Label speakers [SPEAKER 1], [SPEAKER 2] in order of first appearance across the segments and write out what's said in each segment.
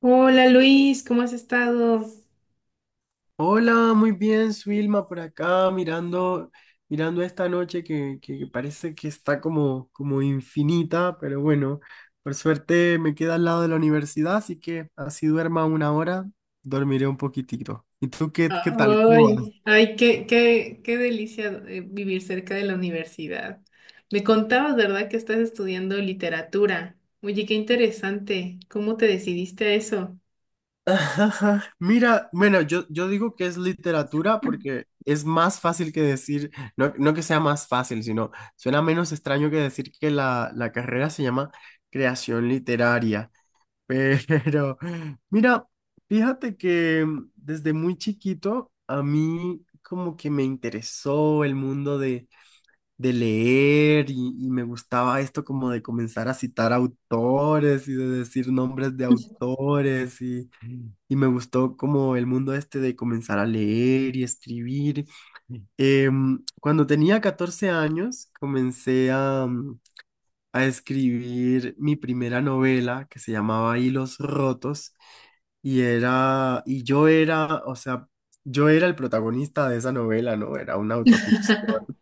[SPEAKER 1] Hola Luis, ¿cómo has estado?
[SPEAKER 2] Hola, muy bien, Suilma, por acá mirando, mirando esta noche que parece que está como infinita, pero bueno, por suerte me queda al lado de la universidad, así que así duerma una hora, dormiré un poquitito. ¿Y tú qué, qué tal? ¿Cómo vas?
[SPEAKER 1] Ay, ay, qué delicia, vivir cerca de la universidad. Me contabas, ¿verdad?, que estás estudiando literatura. Oye, qué interesante. ¿Cómo te decidiste a eso?
[SPEAKER 2] Ajá. Mira, bueno, yo digo que es literatura porque es más fácil que decir, no, no que sea más fácil, sino suena menos extraño que decir que la carrera se llama creación literaria. Pero, mira, fíjate que desde muy chiquito a mí como que me interesó el mundo de leer y me gustaba esto como de comenzar a citar autores y de decir nombres de autores y me gustó como el mundo este de comenzar a leer y escribir. Cuando tenía 14 años comencé a a escribir mi primera novela que se llamaba Hilos Rotos y era, y yo era, o sea, yo era el protagonista de esa novela, ¿no? Era una autoficción.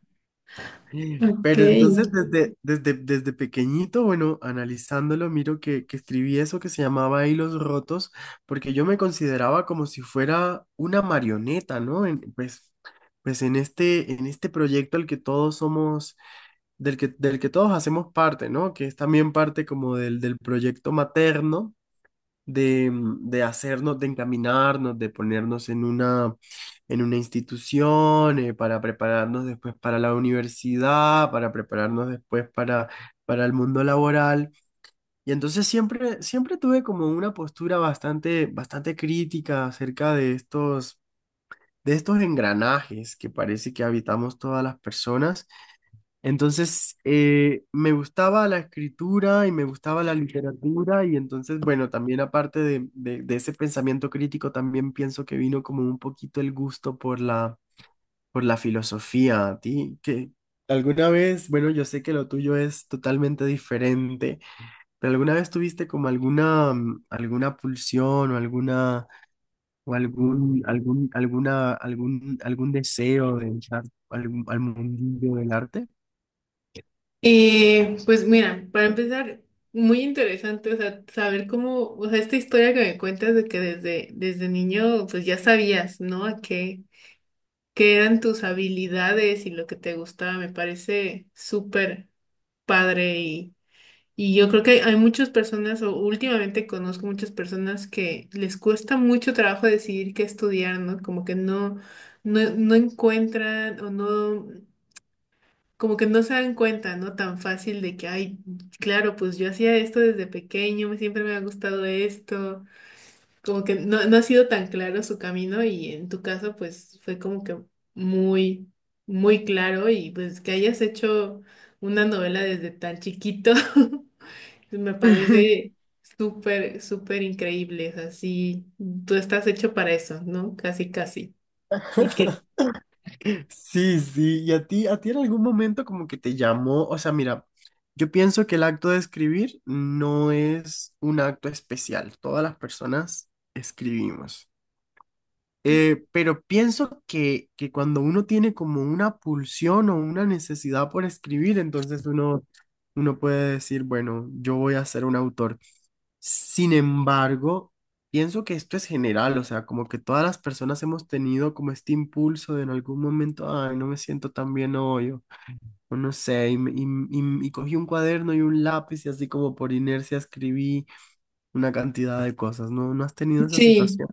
[SPEAKER 1] Ok.
[SPEAKER 2] Pero entonces desde pequeñito, bueno, analizándolo, miro que escribí eso que se llamaba Hilos Rotos, porque yo me consideraba como si fuera una marioneta, ¿no? Pues, pues en este proyecto al que todos somos, del que todos hacemos parte, ¿no? Que es también parte como del proyecto materno de de hacernos, de encaminarnos, de ponernos en una institución, para prepararnos después para la universidad, para prepararnos para el mundo laboral. Y entonces siempre, siempre tuve como una postura bastante, bastante crítica acerca de estos engranajes que parece que habitamos todas las personas. Entonces, me gustaba la escritura y me gustaba la literatura y entonces, bueno, también aparte de ese pensamiento crítico, también pienso que vino como un poquito el gusto por por la filosofía. ¿A ti que alguna vez, bueno, yo sé que lo tuyo es totalmente diferente, pero alguna vez tuviste como alguna alguna pulsión o alguna, o algún deseo de entrar al mundillo del arte?
[SPEAKER 1] Pues mira, para empezar, muy interesante, o sea, saber cómo, o sea, esta historia que me cuentas de que desde niño, pues ya sabías, ¿no? A qué, que eran tus habilidades y lo que te gustaba. Me parece súper padre, y yo creo que hay muchas personas, o últimamente conozco muchas personas que les cuesta mucho trabajo decidir qué estudiar, ¿no? Como que no encuentran o no, como que no se dan cuenta, ¿no? Tan fácil de que, ay, claro, pues yo hacía esto desde pequeño, siempre me ha gustado esto, como que no, no ha sido tan claro su camino. Y en tu caso pues fue como que muy, muy claro, y pues que hayas hecho una novela desde tan chiquito, me parece súper increíble, o sea, sí, tú estás hecho para eso, ¿no? Casi, casi. Y que
[SPEAKER 2] Sí, sí, y a ti en algún momento como que te llamó, o sea, mira, yo pienso que el acto de escribir no es un acto especial, todas las personas escribimos. Pero pienso que cuando uno tiene como una pulsión o una necesidad por escribir, entonces uno puede decir, bueno, yo voy a ser un autor. Sin embargo, pienso que esto es general, o sea, como que todas las personas hemos tenido como este impulso de en algún momento, ay, no me siento tan bien hoy, o no sé, y cogí un cuaderno y un lápiz y así como por inercia escribí una cantidad de cosas, ¿no? ¿No has tenido esa
[SPEAKER 1] sí.
[SPEAKER 2] situación?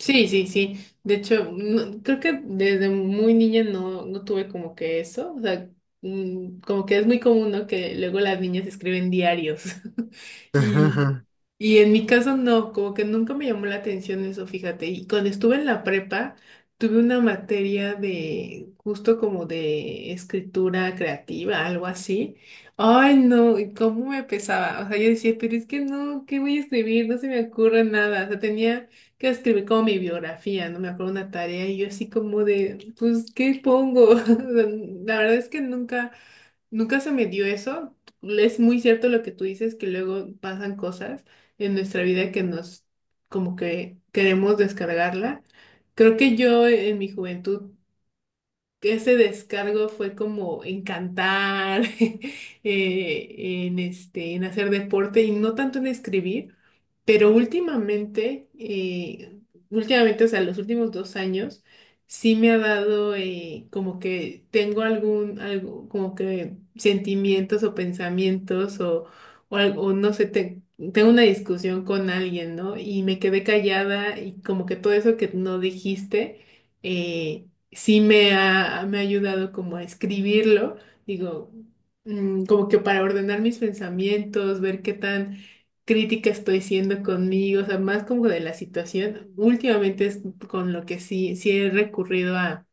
[SPEAKER 1] Sí, sí, sí. De hecho, creo que desde muy niña no, no tuve como que eso. O sea, como que es muy común, ¿no? Que luego las niñas escriben diarios. Y, y en mi caso no, como que nunca me llamó la atención eso, fíjate. Y cuando estuve en la prepa, tuve una materia de justo como de escritura creativa, algo así. Ay, no, y cómo me pesaba. O sea, yo decía, pero es que no, ¿qué voy a escribir? No se me ocurre nada. O sea, tenía que escribir como mi biografía, no me acuerdo, una tarea, y yo así como de, pues, ¿qué pongo? O sea, la verdad es que nunca, nunca se me dio eso. Es muy cierto lo que tú dices, que luego pasan cosas en nuestra vida que nos, como que queremos descargarla. Creo que yo en mi juventud, ese descargo fue como en cantar, eh, en este, en hacer deporte y no tanto en escribir. Pero últimamente, o sea, los últimos 2 años, sí me ha dado, como que tengo algún, algo, como que sentimientos o pensamientos o, o no sé, tengo una discusión con alguien, ¿no? Y me quedé callada, y como que todo eso que no dijiste, eh, sí me ha ayudado como a escribirlo, digo, como que para ordenar mis pensamientos, ver qué tan crítica estoy siendo conmigo, o sea, más como de la situación. Últimamente es con lo que sí, sí he recurrido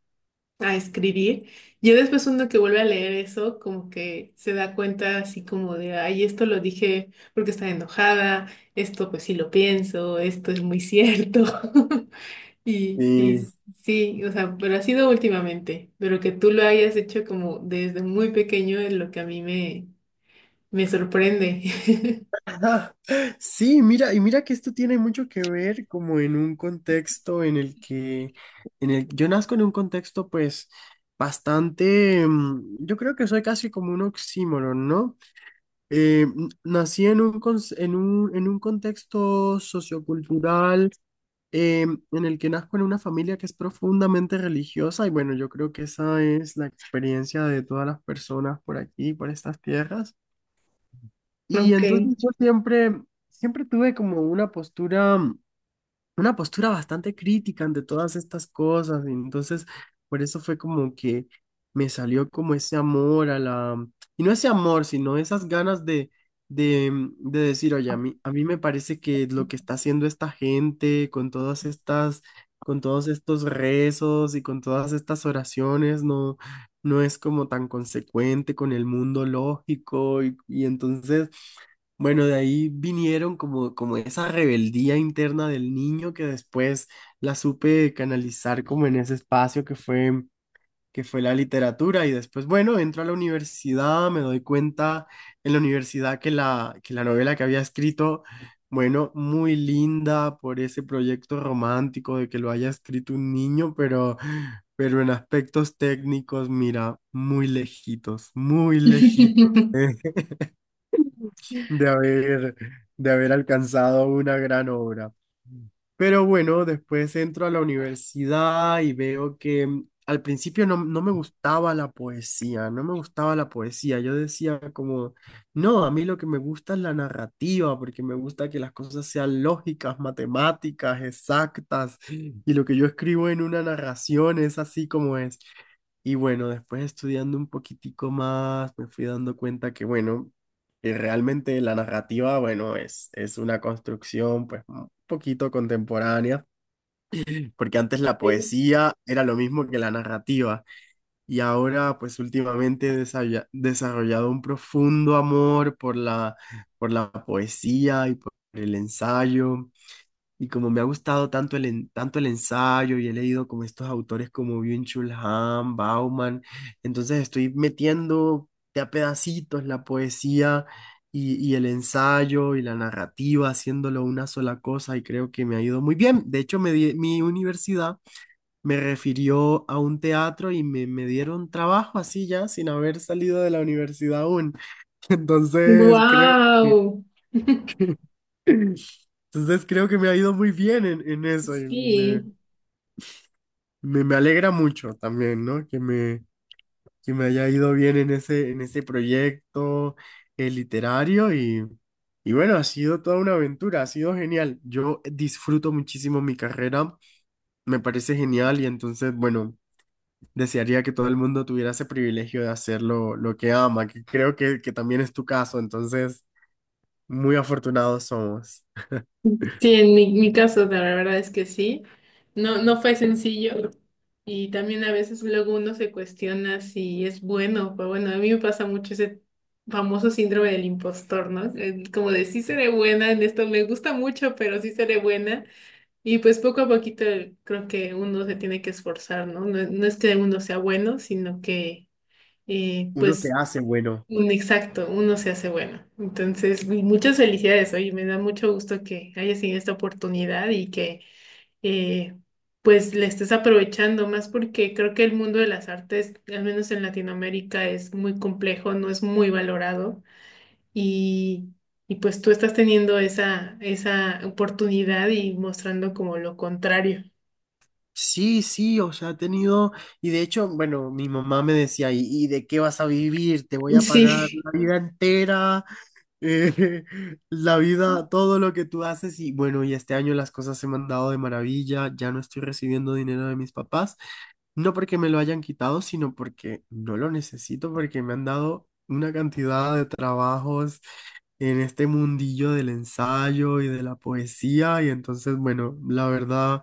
[SPEAKER 1] a escribir. Ya después uno que vuelve a leer eso, como que se da cuenta así como de, ay, esto lo dije porque estaba enojada, esto pues sí lo pienso, esto es muy cierto. Y, y
[SPEAKER 2] Sí.
[SPEAKER 1] sí, o sea, pero ha sido últimamente, pero que tú lo hayas hecho como desde muy pequeño es lo que a mí me, me sorprende.
[SPEAKER 2] Ah, sí, mira, y mira que esto tiene mucho que ver como en un contexto en el que, en el, yo nazco en un contexto pues bastante yo creo que soy casi como un oxímoron, ¿no? Nací en un, en un contexto sociocultural eh, en el que nazco en una familia que es profundamente religiosa y bueno, yo creo que esa es la experiencia de todas las personas por aquí, por estas tierras. Y
[SPEAKER 1] Ok.
[SPEAKER 2] entonces yo siempre, siempre tuve como una postura bastante crítica ante todas estas cosas. Y entonces, por eso fue como que me salió como ese amor a y no ese amor, sino esas ganas de de decir, oye, a mí me parece que lo que está haciendo esta gente con todas estas, con todos estos rezos y con todas estas oraciones, no, no es como tan consecuente con el mundo lógico. Y entonces... Bueno, de ahí vinieron como, como esa rebeldía interna del niño que después la supe canalizar como en ese espacio que fue la literatura. Y después, bueno, entro a la universidad, me doy cuenta en la universidad que que la novela que había escrito, bueno, muy linda por ese proyecto romántico de que lo haya escrito un niño, pero en aspectos técnicos, mira, muy lejitos, muy lejitos de haber, de haber alcanzado una gran obra. Pero bueno, después entro a la universidad y veo que al principio no, no me gustaba la poesía, no me gustaba la poesía. Yo decía como, no, a mí lo que me gusta es la narrativa, porque me gusta que las cosas sean lógicas, matemáticas, exactas, y lo que yo escribo en una narración es así como es. Y bueno, después estudiando un poquitico más, me fui dando cuenta que, bueno, y realmente la narrativa, bueno, es una construcción pues un poquito contemporánea, porque antes la
[SPEAKER 1] Sí.
[SPEAKER 2] poesía era lo mismo que la narrativa y ahora pues últimamente he desarrollado un profundo amor por por la poesía y por el ensayo. Y como me ha gustado tanto tanto el ensayo y he leído como estos autores como Byung-Chul Han, Bauman, entonces estoy metiendo de a pedacitos la poesía y el ensayo y la narrativa, haciéndolo una sola cosa y creo que me ha ido muy bien. De hecho, mi universidad me refirió a un teatro y me dieron trabajo así ya, sin haber salido de la universidad aún. Entonces creo que...
[SPEAKER 1] Wow.
[SPEAKER 2] Entonces creo que me ha ido muy bien en eso y,
[SPEAKER 1] Sí,
[SPEAKER 2] me alegra mucho también, ¿no? Que me haya ido bien en ese proyecto literario y bueno, ha sido toda una aventura, ha sido genial. Yo disfruto muchísimo mi carrera, me parece genial y entonces, bueno, desearía que todo el mundo tuviera ese privilegio de hacer lo que ama, que creo que también es tu caso, entonces, muy afortunados somos.
[SPEAKER 1] sí, en mi, mi caso la verdad es que sí. No, no fue sencillo, y también a veces luego uno se cuestiona si es bueno, pero bueno, a mí me pasa mucho ese famoso síndrome del impostor, ¿no? Como de sí seré buena en esto, me gusta mucho, pero sí seré buena, y pues poco a poquito creo que uno se tiene que esforzar, ¿no? No, no es que uno sea bueno, sino que eh,
[SPEAKER 2] Uno se
[SPEAKER 1] pues
[SPEAKER 2] hace bueno.
[SPEAKER 1] un- exacto, uno se hace bueno. Entonces, muchas felicidades, oye, me da mucho gusto que hayas tenido esta oportunidad, y que eh, pues la estés aprovechando más porque creo que el mundo de las artes, al menos en Latinoamérica, es muy complejo, no es muy valorado, y, y pues tú estás teniendo esa, esa oportunidad y mostrando como lo contrario.
[SPEAKER 2] Sí, sí, o sea, ha tenido, y de hecho, bueno, mi mamá me decía, y de qué vas a vivir? Te voy a pagar
[SPEAKER 1] Sí,
[SPEAKER 2] la vida entera, eh, la vida, todo lo que tú haces, y bueno, y este año las cosas se me han dado de maravilla, ya no estoy recibiendo dinero de mis papás, no porque me lo hayan quitado, sino porque no lo necesito, porque me han dado una cantidad de trabajos en este mundillo del ensayo y de la poesía, y entonces, bueno, la verdad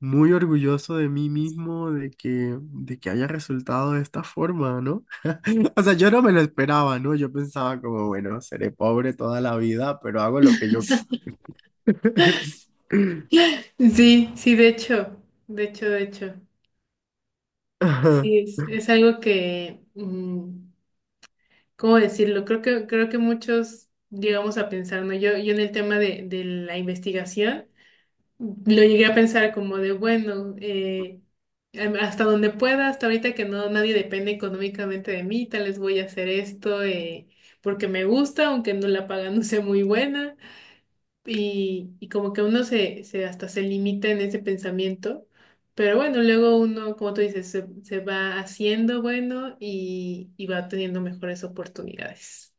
[SPEAKER 2] muy orgulloso de mí mismo de que haya resultado de esta forma, ¿no? O sea, yo no me lo esperaba, ¿no? Yo pensaba como, bueno, seré pobre toda la vida, pero hago lo que yo...
[SPEAKER 1] sí, sí, de hecho, de hecho, de hecho.
[SPEAKER 2] Ajá.
[SPEAKER 1] Sí, es algo que, ¿cómo decirlo? Creo que muchos llegamos a pensar, ¿no? Yo en el tema de la investigación lo llegué a pensar como de, bueno, hasta donde pueda, hasta ahorita que no, nadie depende económicamente de mí, tal vez voy a hacer esto, porque me gusta, aunque no la paga no sea muy buena. Y como que uno se, se hasta se limita en ese pensamiento. Pero bueno, luego uno, como tú dices, se va haciendo bueno y va teniendo mejores oportunidades.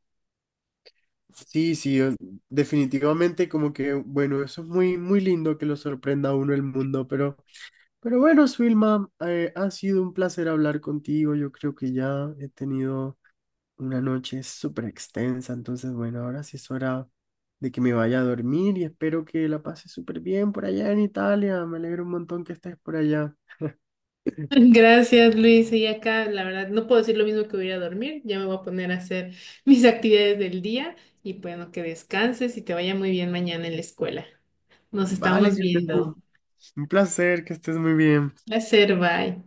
[SPEAKER 2] Sí, sí, o- definitivamente como que, bueno, eso es muy, muy lindo que lo sorprenda a uno el mundo, pero bueno, Swilma, ha sido un placer hablar contigo. Yo creo que ya he tenido una noche súper extensa, entonces bueno, ahora sí es hora de que me vaya a dormir y espero que la pases súper bien por allá en Italia. Me alegro un montón que estés por allá.
[SPEAKER 1] Gracias, Luis. Y acá, la verdad, no puedo decir lo mismo, que voy a ir a dormir. Ya me voy a poner a hacer mis actividades del día, y pues, bueno, que descanses y te vaya muy bien mañana en la escuela. Nos
[SPEAKER 2] Vale,
[SPEAKER 1] estamos
[SPEAKER 2] que estés muy-
[SPEAKER 1] viendo.
[SPEAKER 2] un placer, que estés muy bien.
[SPEAKER 1] Placer, bye.